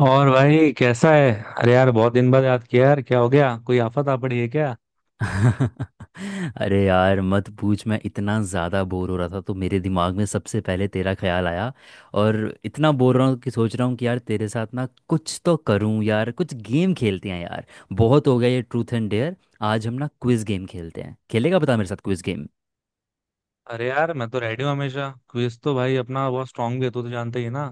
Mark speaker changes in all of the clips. Speaker 1: और भाई कैसा है? अरे यार, बहुत दिन बाद याद किया यार। क्या हो गया? कोई आफत आ पड़ी है क्या?
Speaker 2: अरे यार मत पूछ। मैं इतना ज़्यादा बोर हो रहा था तो मेरे दिमाग में सबसे पहले तेरा ख्याल आया। और इतना बोर रहा हूँ कि सोच रहा हूँ कि यार तेरे साथ ना कुछ तो करूँ यार, कुछ गेम खेलते हैं यार। बहुत हो गया ये ट्रूथ एंड डेयर। आज हम ना क्विज गेम खेलते हैं, खेलेगा बता मेरे साथ क्विज गेम?
Speaker 1: अरे यार, मैं तो रेडी हूँ हमेशा। क्विज तो भाई अपना बहुत स्ट्रांग भी है, तू तो जानते ही है ना।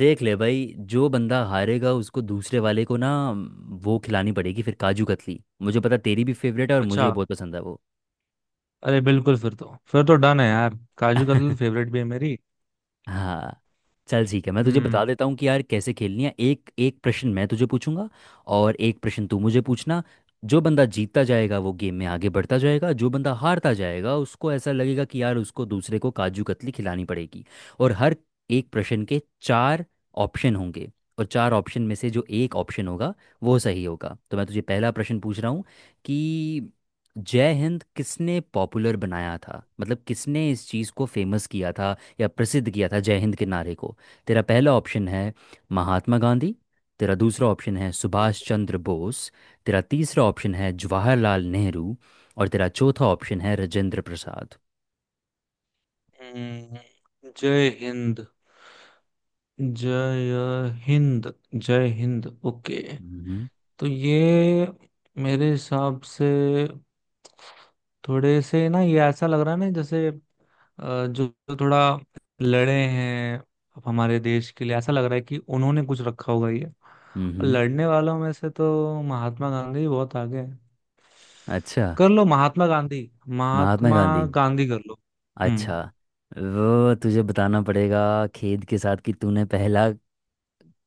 Speaker 2: देख ले भाई, जो बंदा हारेगा उसको दूसरे वाले को ना वो खिलानी पड़ेगी फिर काजू कतली। मुझे पता तेरी भी फेवरेट है, और
Speaker 1: अच्छा।
Speaker 2: मुझे बहुत पसंद है वो।
Speaker 1: अरे बिल्कुल, फिर तो डन है यार। काजू कतली फेवरेट भी है मेरी।
Speaker 2: हाँ, चल ठीक है, मैं तुझे बता
Speaker 1: हम्म।
Speaker 2: देता हूँ कि यार कैसे खेलनी है। एक एक प्रश्न मैं तुझे पूछूंगा और एक प्रश्न तू मुझे पूछना। जो बंदा जीतता जाएगा वो गेम में आगे बढ़ता जाएगा, जो बंदा हारता जाएगा उसको ऐसा लगेगा कि यार उसको दूसरे को काजू कतली खिलानी पड़ेगी। और हर एक प्रश्न के चार ऑप्शन होंगे, और चार ऑप्शन में से जो एक ऑप्शन होगा वो सही होगा। तो मैं तुझे पहला प्रश्न पूछ रहा हूँ कि जय हिंद किसने पॉपुलर बनाया था, मतलब किसने इस चीज़ को फेमस किया था या प्रसिद्ध किया था जय हिंद के नारे को। तेरा पहला ऑप्शन है महात्मा गांधी। तेरा दूसरा ऑप्शन है सुभाष चंद्र बोस। तेरा तीसरा ऑप्शन है जवाहरलाल नेहरू। और तेरा चौथा ऑप्शन है राजेंद्र प्रसाद।
Speaker 1: हम्म, जय हिंद, जय हिंद, जय हिंद। ओके।
Speaker 2: हम्म।
Speaker 1: तो ये मेरे हिसाब से थोड़े से ना, ये ऐसा लग रहा है ना जैसे जो जो थोड़ा लड़े हैं हमारे देश के लिए, ऐसा लग रहा है कि उन्होंने कुछ रखा होगा ये, और
Speaker 2: हम्म।
Speaker 1: लड़ने वालों में से तो महात्मा गांधी बहुत आगे है।
Speaker 2: अच्छा,
Speaker 1: कर लो महात्मा गांधी।
Speaker 2: महात्मा
Speaker 1: महात्मा
Speaker 2: गांधी?
Speaker 1: गांधी कर लो। हम्म।
Speaker 2: अच्छा। वो तुझे बताना पड़ेगा खेद के साथ कि तूने पहला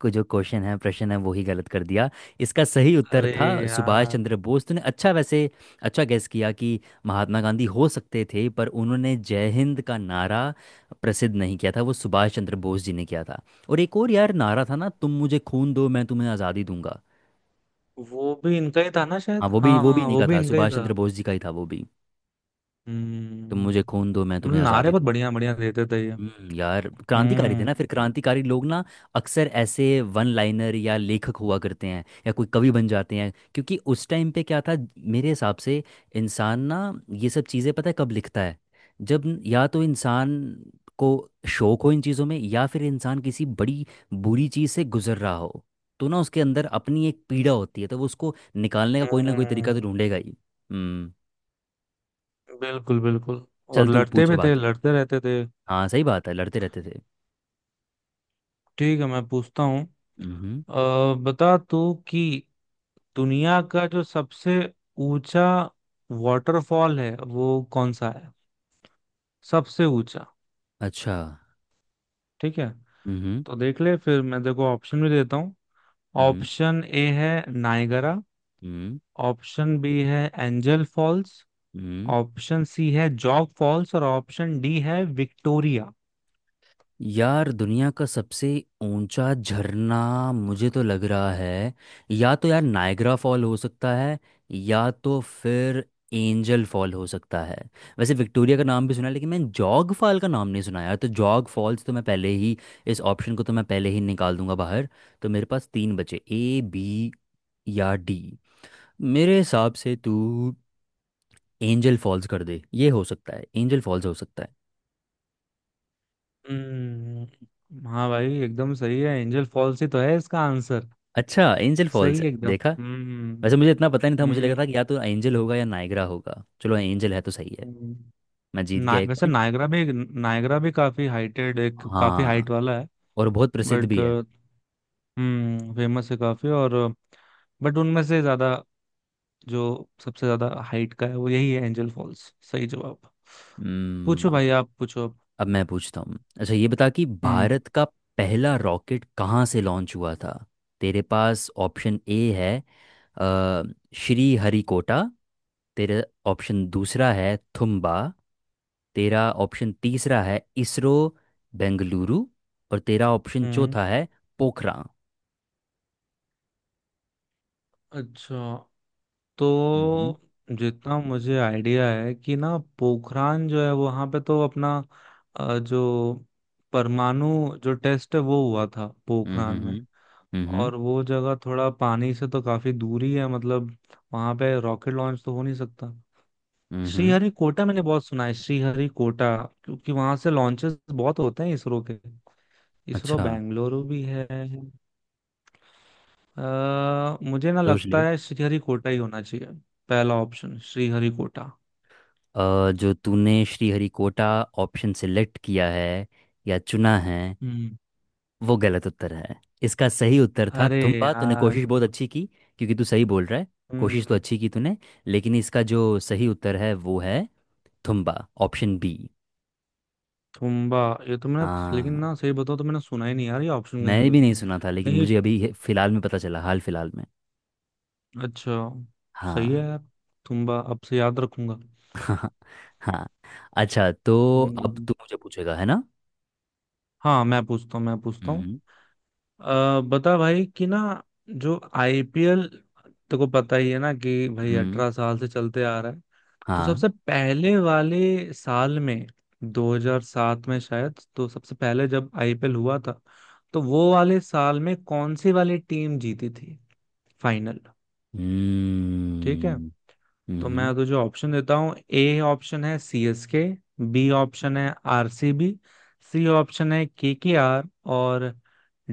Speaker 2: को जो क्वेश्चन है प्रश्न है वो ही गलत कर दिया। इसका सही उत्तर
Speaker 1: अरे
Speaker 2: था सुभाष
Speaker 1: यार।
Speaker 2: चंद्र बोस। तूने अच्छा वैसे अच्छा गैस किया कि महात्मा गांधी हो सकते थे, पर उन्होंने जय हिंद का नारा प्रसिद्ध नहीं किया था, वो सुभाष चंद्र बोस जी ने किया था। और एक और यार नारा था ना, तुम मुझे खून दो मैं तुम्हें आज़ादी दूंगा।
Speaker 1: वो भी इनका ही था ना
Speaker 2: हाँ
Speaker 1: शायद।
Speaker 2: वो भी
Speaker 1: हाँ हाँ,
Speaker 2: इन्हीं
Speaker 1: वो
Speaker 2: का
Speaker 1: भी
Speaker 2: था,
Speaker 1: इनका ही
Speaker 2: सुभाष
Speaker 1: था।
Speaker 2: चंद्र बोस जी का ही था वो भी। तुम
Speaker 1: हम्म।
Speaker 2: मुझे खून दो मैं
Speaker 1: मतलब
Speaker 2: तुम्हें
Speaker 1: नारे
Speaker 2: आज़ादी
Speaker 1: बहुत
Speaker 2: दूंगा।
Speaker 1: बढ़िया बढ़िया देते थे ये।
Speaker 2: हम्म, यार क्रांतिकारी थे ना फिर।
Speaker 1: हम्म।
Speaker 2: क्रांतिकारी लोग ना अक्सर ऐसे वन लाइनर या लेखक हुआ करते हैं या कोई कवि बन जाते हैं, क्योंकि उस टाइम पे क्या था, मेरे हिसाब से इंसान ना ये सब चीज़ें पता है कब लिखता है? जब या तो इंसान को शौक हो इन चीज़ों में, या फिर इंसान किसी बड़ी बुरी चीज़ से गुजर रहा हो। तो ना उसके अंदर अपनी एक पीड़ा होती है, तो वो उसको निकालने का कोई ना कोई तरीका
Speaker 1: हम्म।
Speaker 2: तो ढूंढेगा ही। हम्म।
Speaker 1: बिल्कुल बिल्कुल, और
Speaker 2: चल तू
Speaker 1: लड़ते
Speaker 2: पूछ
Speaker 1: भी
Speaker 2: अब
Speaker 1: थे,
Speaker 2: आगे।
Speaker 1: लड़ते रहते थे।
Speaker 2: हाँ सही बात है, लड़ते रहते थे।
Speaker 1: ठीक है, मैं पूछता हूँ।
Speaker 2: हम्म।
Speaker 1: बता तू कि दुनिया का जो सबसे ऊंचा वाटरफॉल है वो कौन सा है? सबसे ऊंचा।
Speaker 2: अच्छा।
Speaker 1: ठीक है।
Speaker 2: हम्म
Speaker 1: तो देख ले फिर, मैं देखो ऑप्शन भी देता हूँ।
Speaker 2: हम्म
Speaker 1: ऑप्शन ए है नायगरा।
Speaker 2: हम्म
Speaker 1: ऑप्शन बी है एंजल फॉल्स।
Speaker 2: हम्म।
Speaker 1: ऑप्शन सी है जॉग फॉल्स, और ऑप्शन डी है विक्टोरिया।
Speaker 2: यार दुनिया का सबसे ऊंचा झरना मुझे तो लग रहा है या तो यार नायग्रा फॉल हो सकता है, या तो फिर एंजल फॉल हो सकता है। वैसे विक्टोरिया का नाम भी सुना है, लेकिन मैंने जॉग फॉल का नाम नहीं सुना यार, तो जॉग फॉल्स तो मैं पहले ही, इस ऑप्शन को तो मैं पहले ही निकाल दूंगा बाहर। तो मेरे पास तीन बचे, ए बी या डी। मेरे हिसाब से तू एंजल फॉल्स कर दे, ये हो सकता है एंजल फॉल्स हो सकता है।
Speaker 1: हम्म। हाँ भाई, एकदम सही है, एंजल फॉल्स ही तो है इसका आंसर।
Speaker 2: अच्छा, एंजल फॉल्स
Speaker 1: सही
Speaker 2: है,
Speaker 1: है एकदम।
Speaker 2: देखा।
Speaker 1: हम्म।
Speaker 2: वैसे मुझे इतना पता नहीं था, मुझे लगा
Speaker 1: हम्म।
Speaker 2: था कि या तो एंजल होगा या नायग्रा होगा, चलो एंजल है तो सही है।
Speaker 1: हम्म।
Speaker 2: मैं जीत
Speaker 1: ना,
Speaker 2: गया एक
Speaker 1: वैसे
Speaker 2: पॉइंट।
Speaker 1: नायगरा भी काफी हाइटेड, एक काफी
Speaker 2: हाँ,
Speaker 1: हाइट वाला है।
Speaker 2: और बहुत प्रसिद्ध
Speaker 1: बट।
Speaker 2: भी है।
Speaker 1: हम्म, फेमस है काफी और। बट उनमें से ज्यादा, जो सबसे ज्यादा हाइट का है वो यही है, एंजल फॉल्स सही जवाब। पूछो
Speaker 2: हम्म।
Speaker 1: भाई, आप पूछो अब।
Speaker 2: अब मैं पूछता हूँ, अच्छा ये बता कि
Speaker 1: हम्म।
Speaker 2: भारत का पहला रॉकेट कहाँ से लॉन्च हुआ था? तेरे पास ऑप्शन ए है अ, श्री हरिकोटा। तेरा ऑप्शन दूसरा है थुम्बा। तेरा ऑप्शन तीसरा है इसरो बेंगलुरु। और तेरा ऑप्शन
Speaker 1: हम्म।
Speaker 2: चौथा है पोखरा।
Speaker 1: अच्छा, तो
Speaker 2: हम्म
Speaker 1: जितना मुझे आइडिया है कि ना, पोखरान जो है वहां पे तो अपना जो परमाणु जो टेस्ट है, वो हुआ था पोखरान में।
Speaker 2: हम्म हम्म
Speaker 1: और वो जगह थोड़ा पानी से तो काफी दूरी है मतलब, वहां पे रॉकेट लॉन्च तो हो नहीं सकता।
Speaker 2: हम्म
Speaker 1: श्रीहरिकोटा मैंने बहुत सुना है, श्रीहरिकोटा। क्योंकि वहां से लॉन्चेस बहुत होते हैं इसरो के। इसरो
Speaker 2: अच्छा।
Speaker 1: बेंगलुरु भी है। मुझे ना
Speaker 2: सोच ले।
Speaker 1: लगता है श्रीहरिकोटा ही होना चाहिए। पहला ऑप्शन श्रीहरिकोटा।
Speaker 2: जो तूने श्रीहरिकोटा ऑप्शन सिलेक्ट किया है या चुना है,
Speaker 1: हम्म।
Speaker 2: वो गलत उत्तर है। इसका सही उत्तर था
Speaker 1: अरे
Speaker 2: थुम्पा। तूने
Speaker 1: यार।
Speaker 2: कोशिश बहुत अच्छी की, क्योंकि तू सही बोल रहा है। कोशिश तो
Speaker 1: हम्म।
Speaker 2: अच्छी की तूने, लेकिन इसका जो सही उत्तर है वो है थुम्बा, ऑप्शन बी।
Speaker 1: तुम्बा। ये तो मैंने लेकिन
Speaker 2: हाँ,
Speaker 1: ना, सही बताओ तो मैंने सुना ही नहीं यार, ये ऑप्शन कहीं
Speaker 2: मैंने
Speaker 1: तो।
Speaker 2: भी नहीं सुना था, लेकिन
Speaker 1: नहीं ये-
Speaker 2: मुझे अभी फिलहाल में पता चला, हाल फिलहाल में।
Speaker 1: अच्छा। सही है
Speaker 2: हाँ।
Speaker 1: यार। तुम्बा अब से याद रखूंगा।
Speaker 2: हाँ। हाँ। अच्छा, तो अब
Speaker 1: हम्म।
Speaker 2: तू मुझे पूछेगा है ना।
Speaker 1: हाँ, मैं पूछता हूँ, मैं पूछता हूँ।
Speaker 2: हम्म।
Speaker 1: बता भाई कि ना, जो आईपीएल तेको पता ही है ना कि भाई
Speaker 2: हम्म।
Speaker 1: 18 साल से चलते आ रहा है। तो
Speaker 2: हाँ।
Speaker 1: सबसे पहले वाले साल में, 2007 में शायद, तो सबसे पहले जब आईपीएल हुआ था, तो वो वाले साल में कौन सी वाली टीम जीती थी फाइनल? ठीक है,
Speaker 2: हम्म।
Speaker 1: तो
Speaker 2: हम्म हम्म,
Speaker 1: मैं तुझे ऑप्शन देता हूँ। ए ऑप्शन है सीएसके। बी ऑप्शन है RCB, C B, C option है केकेआर, और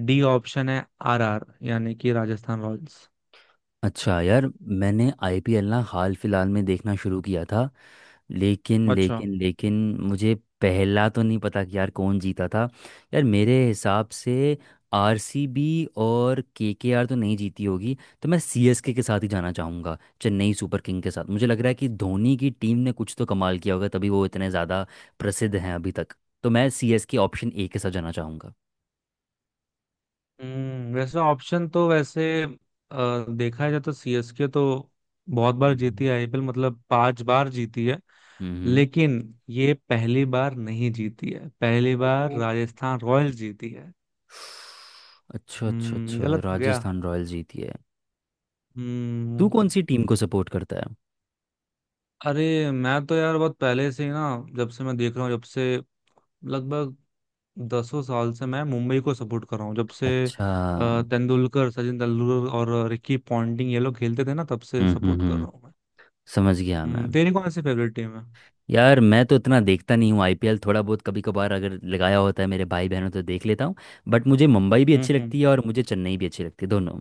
Speaker 1: डी ऑप्शन है आरआर, यानी कि राजस्थान रॉयल्स।
Speaker 2: अच्छा यार, मैंने आईपीएल ना हाल फिलहाल में देखना शुरू किया था, लेकिन
Speaker 1: अच्छा।
Speaker 2: लेकिन लेकिन मुझे पहला तो नहीं पता कि यार कौन जीता था। यार मेरे हिसाब से आरसीबी और केकेआर तो नहीं जीती होगी, तो मैं सीएसके के साथ ही जाना चाहूँगा, चेन्नई सुपर किंग के साथ। मुझे लग रहा है कि धोनी की टीम ने कुछ तो कमाल किया होगा तभी वो इतने ज़्यादा प्रसिद्ध हैं अभी तक। तो मैं सीएसके ऑप्शन ए के साथ जाना चाहूँगा।
Speaker 1: हम्म, वैसे ऑप्शन तो वैसे देखा जाए तो सीएसके तो बहुत बार जीती
Speaker 2: हम्म।
Speaker 1: है आईपीएल, मतलब 5 बार जीती है।
Speaker 2: हम्म।
Speaker 1: लेकिन ये पहली बार नहीं जीती है, पहली बार
Speaker 2: हम्म।
Speaker 1: राजस्थान रॉयल्स जीती है।
Speaker 2: अच्छा अच्छा
Speaker 1: हम्म,
Speaker 2: अच्छा,
Speaker 1: गलत हो गया।
Speaker 2: राजस्थान रॉयल्स जीती है। तू
Speaker 1: हम्म।
Speaker 2: कौन सी टीम को सपोर्ट करता है?
Speaker 1: अरे, मैं तो यार बहुत पहले से ही ना, जब से मैं देख रहा हूँ, जब से लगभग 10ों साल से मैं मुंबई को सपोर्ट कर रहा हूँ, जब से
Speaker 2: अच्छा।
Speaker 1: तेंदुलकर सचिन तेंदुलकर और रिकी पॉन्टिंग ये लोग खेलते थे ना, तब से
Speaker 2: हम्म हम्म
Speaker 1: सपोर्ट कर
Speaker 2: हम्म,
Speaker 1: रहा हूँ।
Speaker 2: समझ गया मैम।
Speaker 1: तेरी कौन सी फेवरेट टीम है?
Speaker 2: यार मैं तो इतना देखता नहीं हूँ आईपीएल, थोड़ा बहुत कभी कभार अगर लगाया होता है मेरे भाई बहनों तो देख लेता हूँ। बट मुझे मुंबई भी
Speaker 1: हम्म।
Speaker 2: अच्छी
Speaker 1: हम्म।
Speaker 2: लगती है और मुझे चेन्नई भी अच्छी लगती है, दोनों।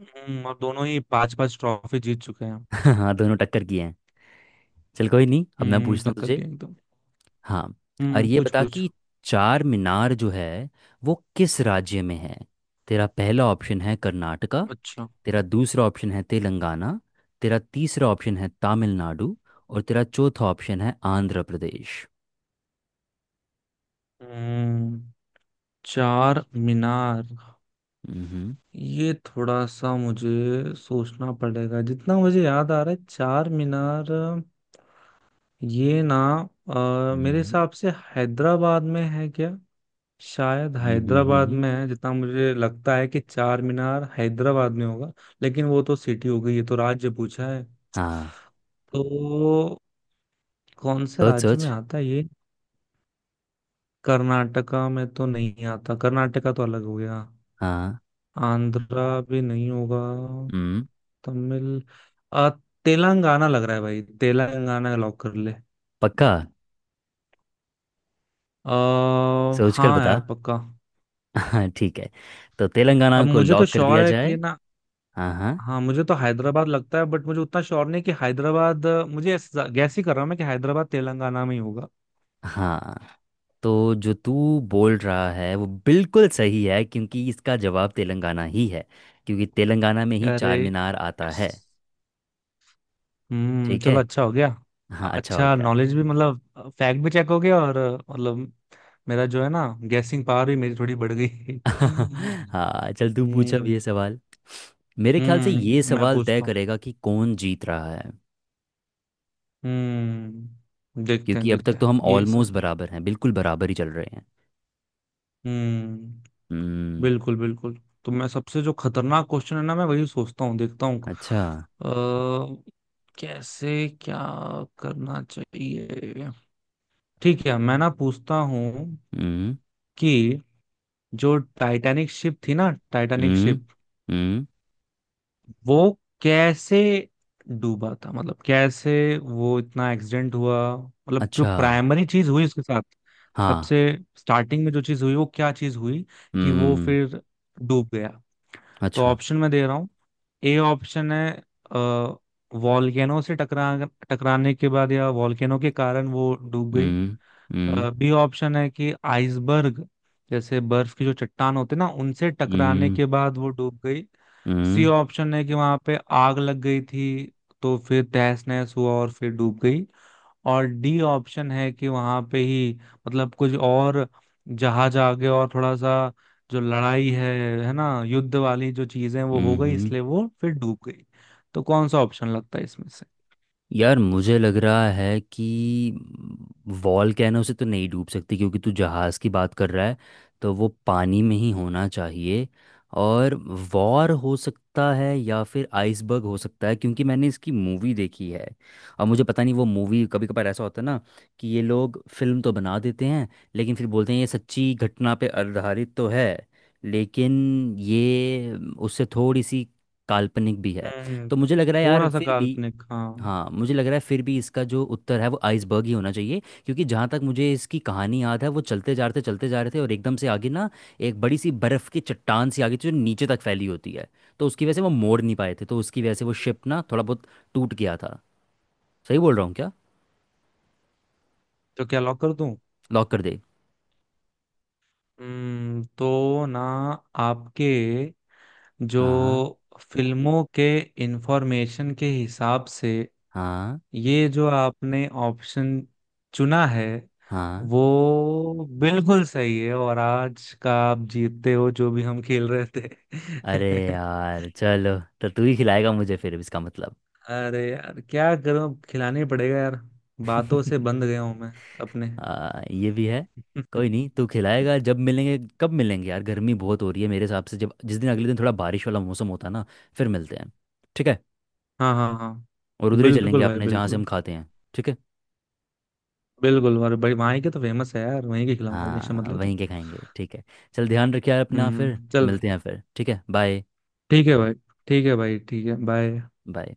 Speaker 1: और दोनों ही 5-5 ट्रॉफी जीत चुके हैं।
Speaker 2: हाँ, दोनों टक्कर किए हैं। चल कोई नहीं, अब मैं
Speaker 1: हम्म,
Speaker 2: पूछता हूँ
Speaker 1: टक्कर
Speaker 2: तुझे।
Speaker 1: के एकदम।
Speaker 2: हाँ। और
Speaker 1: हम्म,
Speaker 2: ये
Speaker 1: पूछ
Speaker 2: बता
Speaker 1: पूछ।
Speaker 2: कि चार मीनार जो है वो किस राज्य में है? तेरा पहला ऑप्शन है कर्नाटका।
Speaker 1: अच्छा।
Speaker 2: तेरा दूसरा ऑप्शन है तेलंगाना। तेरा तीसरा ऑप्शन है तमिलनाडु। और तेरा चौथा ऑप्शन है आंध्र प्रदेश।
Speaker 1: हम्म। चार मीनार।
Speaker 2: हम्म। हम्म।
Speaker 1: ये थोड़ा सा मुझे सोचना पड़ेगा, जितना मुझे याद आ रहा है चार मीनार ये ना, मेरे
Speaker 2: हम्म,
Speaker 1: हिसाब से हैदराबाद में है क्या? शायद
Speaker 2: हम्म, हम्म, हम्म,
Speaker 1: हैदराबाद
Speaker 2: हम्म।
Speaker 1: में है, जितना मुझे लगता है कि चार मीनार हैदराबाद में होगा। लेकिन वो तो सिटी हो गई, ये तो राज्य पूछा है।
Speaker 2: हाँ।
Speaker 1: तो कौन से
Speaker 2: सोच
Speaker 1: राज्य
Speaker 2: सोच।
Speaker 1: में आता है ये? कर्नाटका में तो नहीं आता, कर्नाटका तो अलग हो गया।
Speaker 2: हाँ।
Speaker 1: आंध्रा भी नहीं होगा।
Speaker 2: हम्म।
Speaker 1: तमिल अ, तेलंगाना लग रहा है भाई, तेलंगाना लॉक कर ले।
Speaker 2: पक्का? सोच कर
Speaker 1: हाँ
Speaker 2: बता।
Speaker 1: यार पक्का।
Speaker 2: हाँ ठीक है, तो तेलंगाना
Speaker 1: अब
Speaker 2: को
Speaker 1: मुझे तो
Speaker 2: लॉक कर
Speaker 1: श्योर
Speaker 2: दिया
Speaker 1: है
Speaker 2: जाए।
Speaker 1: कि ना।
Speaker 2: हाँ हाँ
Speaker 1: हाँ, मुझे तो हैदराबाद लगता है, बट मुझे उतना श्योर नहीं कि हैदराबाद गैस ही कर रहा हूँ मैं कि हैदराबाद तेलंगाना में ही होगा।
Speaker 2: हाँ। तो जो तू बोल रहा है वो बिल्कुल सही है, क्योंकि इसका जवाब तेलंगाना ही है, क्योंकि तेलंगाना में ही
Speaker 1: अरे,
Speaker 2: चार मीनार आता है।
Speaker 1: यस। हम्म,
Speaker 2: ठीक
Speaker 1: चलो
Speaker 2: है।
Speaker 1: अच्छा हो गया।
Speaker 2: हाँ अच्छा हो
Speaker 1: अच्छा,
Speaker 2: गया।
Speaker 1: नॉलेज भी मतलब फैक्ट भी चेक हो गया, और मतलब मेरा जो है ना, गैसिंग पावर भी मेरी थोड़ी बढ़ गई।
Speaker 2: हाँ, चल तू पूछ अब ये
Speaker 1: हम्म।
Speaker 2: सवाल। मेरे ख्याल से ये
Speaker 1: हम्म। मैं
Speaker 2: सवाल तय
Speaker 1: पूछता हूँ।
Speaker 2: करेगा कि कौन जीत रहा है,
Speaker 1: हम्म,
Speaker 2: क्योंकि अब तक
Speaker 1: देखते
Speaker 2: तो
Speaker 1: हैं
Speaker 2: हम
Speaker 1: ये
Speaker 2: ऑलमोस्ट
Speaker 1: सब।
Speaker 2: बराबर हैं, बिल्कुल बराबर ही चल रहे हैं।
Speaker 1: हम्म,
Speaker 2: हम्म।
Speaker 1: बिल्कुल बिल्कुल। तो मैं सबसे जो खतरनाक क्वेश्चन है ना, मैं वही सोचता हूँ, देखता हूँ।
Speaker 2: अच्छा।
Speaker 1: अ, कैसे क्या करना चाहिए? ठीक है, मैं ना पूछता हूँ
Speaker 2: हम्म।
Speaker 1: कि जो टाइटैनिक शिप थी ना, टाइटैनिक
Speaker 2: हम्म।
Speaker 1: शिप,
Speaker 2: हम्म।
Speaker 1: वो कैसे डूबा था, मतलब कैसे वो इतना एक्सीडेंट हुआ, मतलब जो
Speaker 2: अच्छा।
Speaker 1: प्राइमरी चीज हुई उसके साथ,
Speaker 2: हाँ।
Speaker 1: सबसे स्टार्टिंग में जो चीज हुई वो क्या चीज हुई, कि वो
Speaker 2: हम्म।
Speaker 1: फिर डूब गया? तो
Speaker 2: अच्छा।
Speaker 1: ऑप्शन मैं दे रहा हूँ। ए ऑप्शन है अ, वॉल्केनो से टकराने के बाद, या वॉल्केनो के कारण वो डूब गई।
Speaker 2: हम्म हम्म
Speaker 1: बी ऑप्शन है कि आइसबर्ग, जैसे बर्फ की जो चट्टान होते हैं ना, उनसे टकराने
Speaker 2: हम्म
Speaker 1: के बाद वो डूब गई। सी
Speaker 2: हम्म
Speaker 1: ऑप्शन है कि वहां पे आग लग गई थी, तो फिर तहस नहस हुआ और फिर डूब गई। और डी ऑप्शन है कि वहां पे ही, मतलब कुछ और जहाज आगे और थोड़ा सा, जो लड़ाई है ना, युद्ध वाली जो चीजें वो हो
Speaker 2: हम्म,
Speaker 1: गई,
Speaker 2: हम्म,
Speaker 1: इसलिए वो फिर डूब गई। तो कौन सा ऑप्शन लगता है इसमें से?
Speaker 2: यार मुझे लग रहा है कि वॉलकैनो से तो नहीं डूब सकती, क्योंकि तू जहाज़ की बात कर रहा है, तो वो पानी में ही होना चाहिए। और वॉर हो सकता है या फिर आइसबर्ग हो सकता है, क्योंकि मैंने इसकी मूवी देखी है। और मुझे पता नहीं, वो मूवी कभी कभार ऐसा होता है ना, कि ये लोग फिल्म तो बना देते हैं लेकिन फिर बोलते हैं ये सच्ची घटना पे आधारित तो है, लेकिन ये उससे थोड़ी सी काल्पनिक भी है।
Speaker 1: हम्म,
Speaker 2: तो मुझे लग रहा है यार
Speaker 1: थोड़ा सा
Speaker 2: फिर भी,
Speaker 1: काल्पनिक हाँ।
Speaker 2: हाँ मुझे लग रहा है फिर भी इसका जो उत्तर है वो आइसबर्ग ही होना चाहिए। क्योंकि जहाँ तक मुझे इसकी कहानी याद है, वो चलते जा रहे थे चलते जा रहे थे और एकदम से आगे ना एक बड़ी सी बर्फ़ की चट्टान सी आ गई थी, जो नीचे तक फैली होती है। तो उसकी वजह से वो मोड़ नहीं पाए थे, तो उसकी वजह से वो शिप ना थोड़ा बहुत टूट गया था। सही बोल रहा हूँ क्या?
Speaker 1: तो क्या लॉक कर दूं?
Speaker 2: लॉक कर दे।
Speaker 1: हम्म, तो ना, आपके
Speaker 2: हाँ।
Speaker 1: जो फिल्मों के इंफॉर्मेशन के हिसाब से
Speaker 2: हाँ
Speaker 1: ये जो आपने ऑप्शन चुना है
Speaker 2: हाँ।
Speaker 1: वो बिल्कुल सही है, और आज का आप जीतते हो, जो भी हम खेल रहे
Speaker 2: अरे
Speaker 1: थे।
Speaker 2: यार चलो, तो तू ही खिलाएगा मुझे फिर, इसका मतलब।
Speaker 1: अरे यार, क्या करूं, खिलाने पड़ेगा यार। बातों से बंध गया हूं मैं अपने।
Speaker 2: ये भी है। कोई नहीं, तू खिलाएगा। जब मिलेंगे कब मिलेंगे यार, गर्मी बहुत हो रही है। मेरे हिसाब से जब जिस दिन अगले दिन थोड़ा बारिश वाला मौसम होता है ना, फिर मिलते हैं, ठीक है?
Speaker 1: हाँ हाँ हाँ।
Speaker 2: और उधर ही चलेंगे
Speaker 1: बिल्कुल भाई
Speaker 2: अपने जहाँ से हम
Speaker 1: बिल्कुल।
Speaker 2: खाते हैं। ठीक है।
Speaker 1: बिल्कुल, और भाई वहीं के तो फेमस है यार, वहीं के खिलाऊंगा, टेंशन मत
Speaker 2: हाँ
Speaker 1: ले तू।
Speaker 2: वहीं के खाएंगे, ठीक है। चल ध्यान रखिए यार अपना, फिर
Speaker 1: हम्म, चल
Speaker 2: मिलते
Speaker 1: भाई।
Speaker 2: हैं फिर, ठीक है, बाय।
Speaker 1: ठीक है भाई। ठीक है भाई, ठीक है, बाय।
Speaker 2: बाय।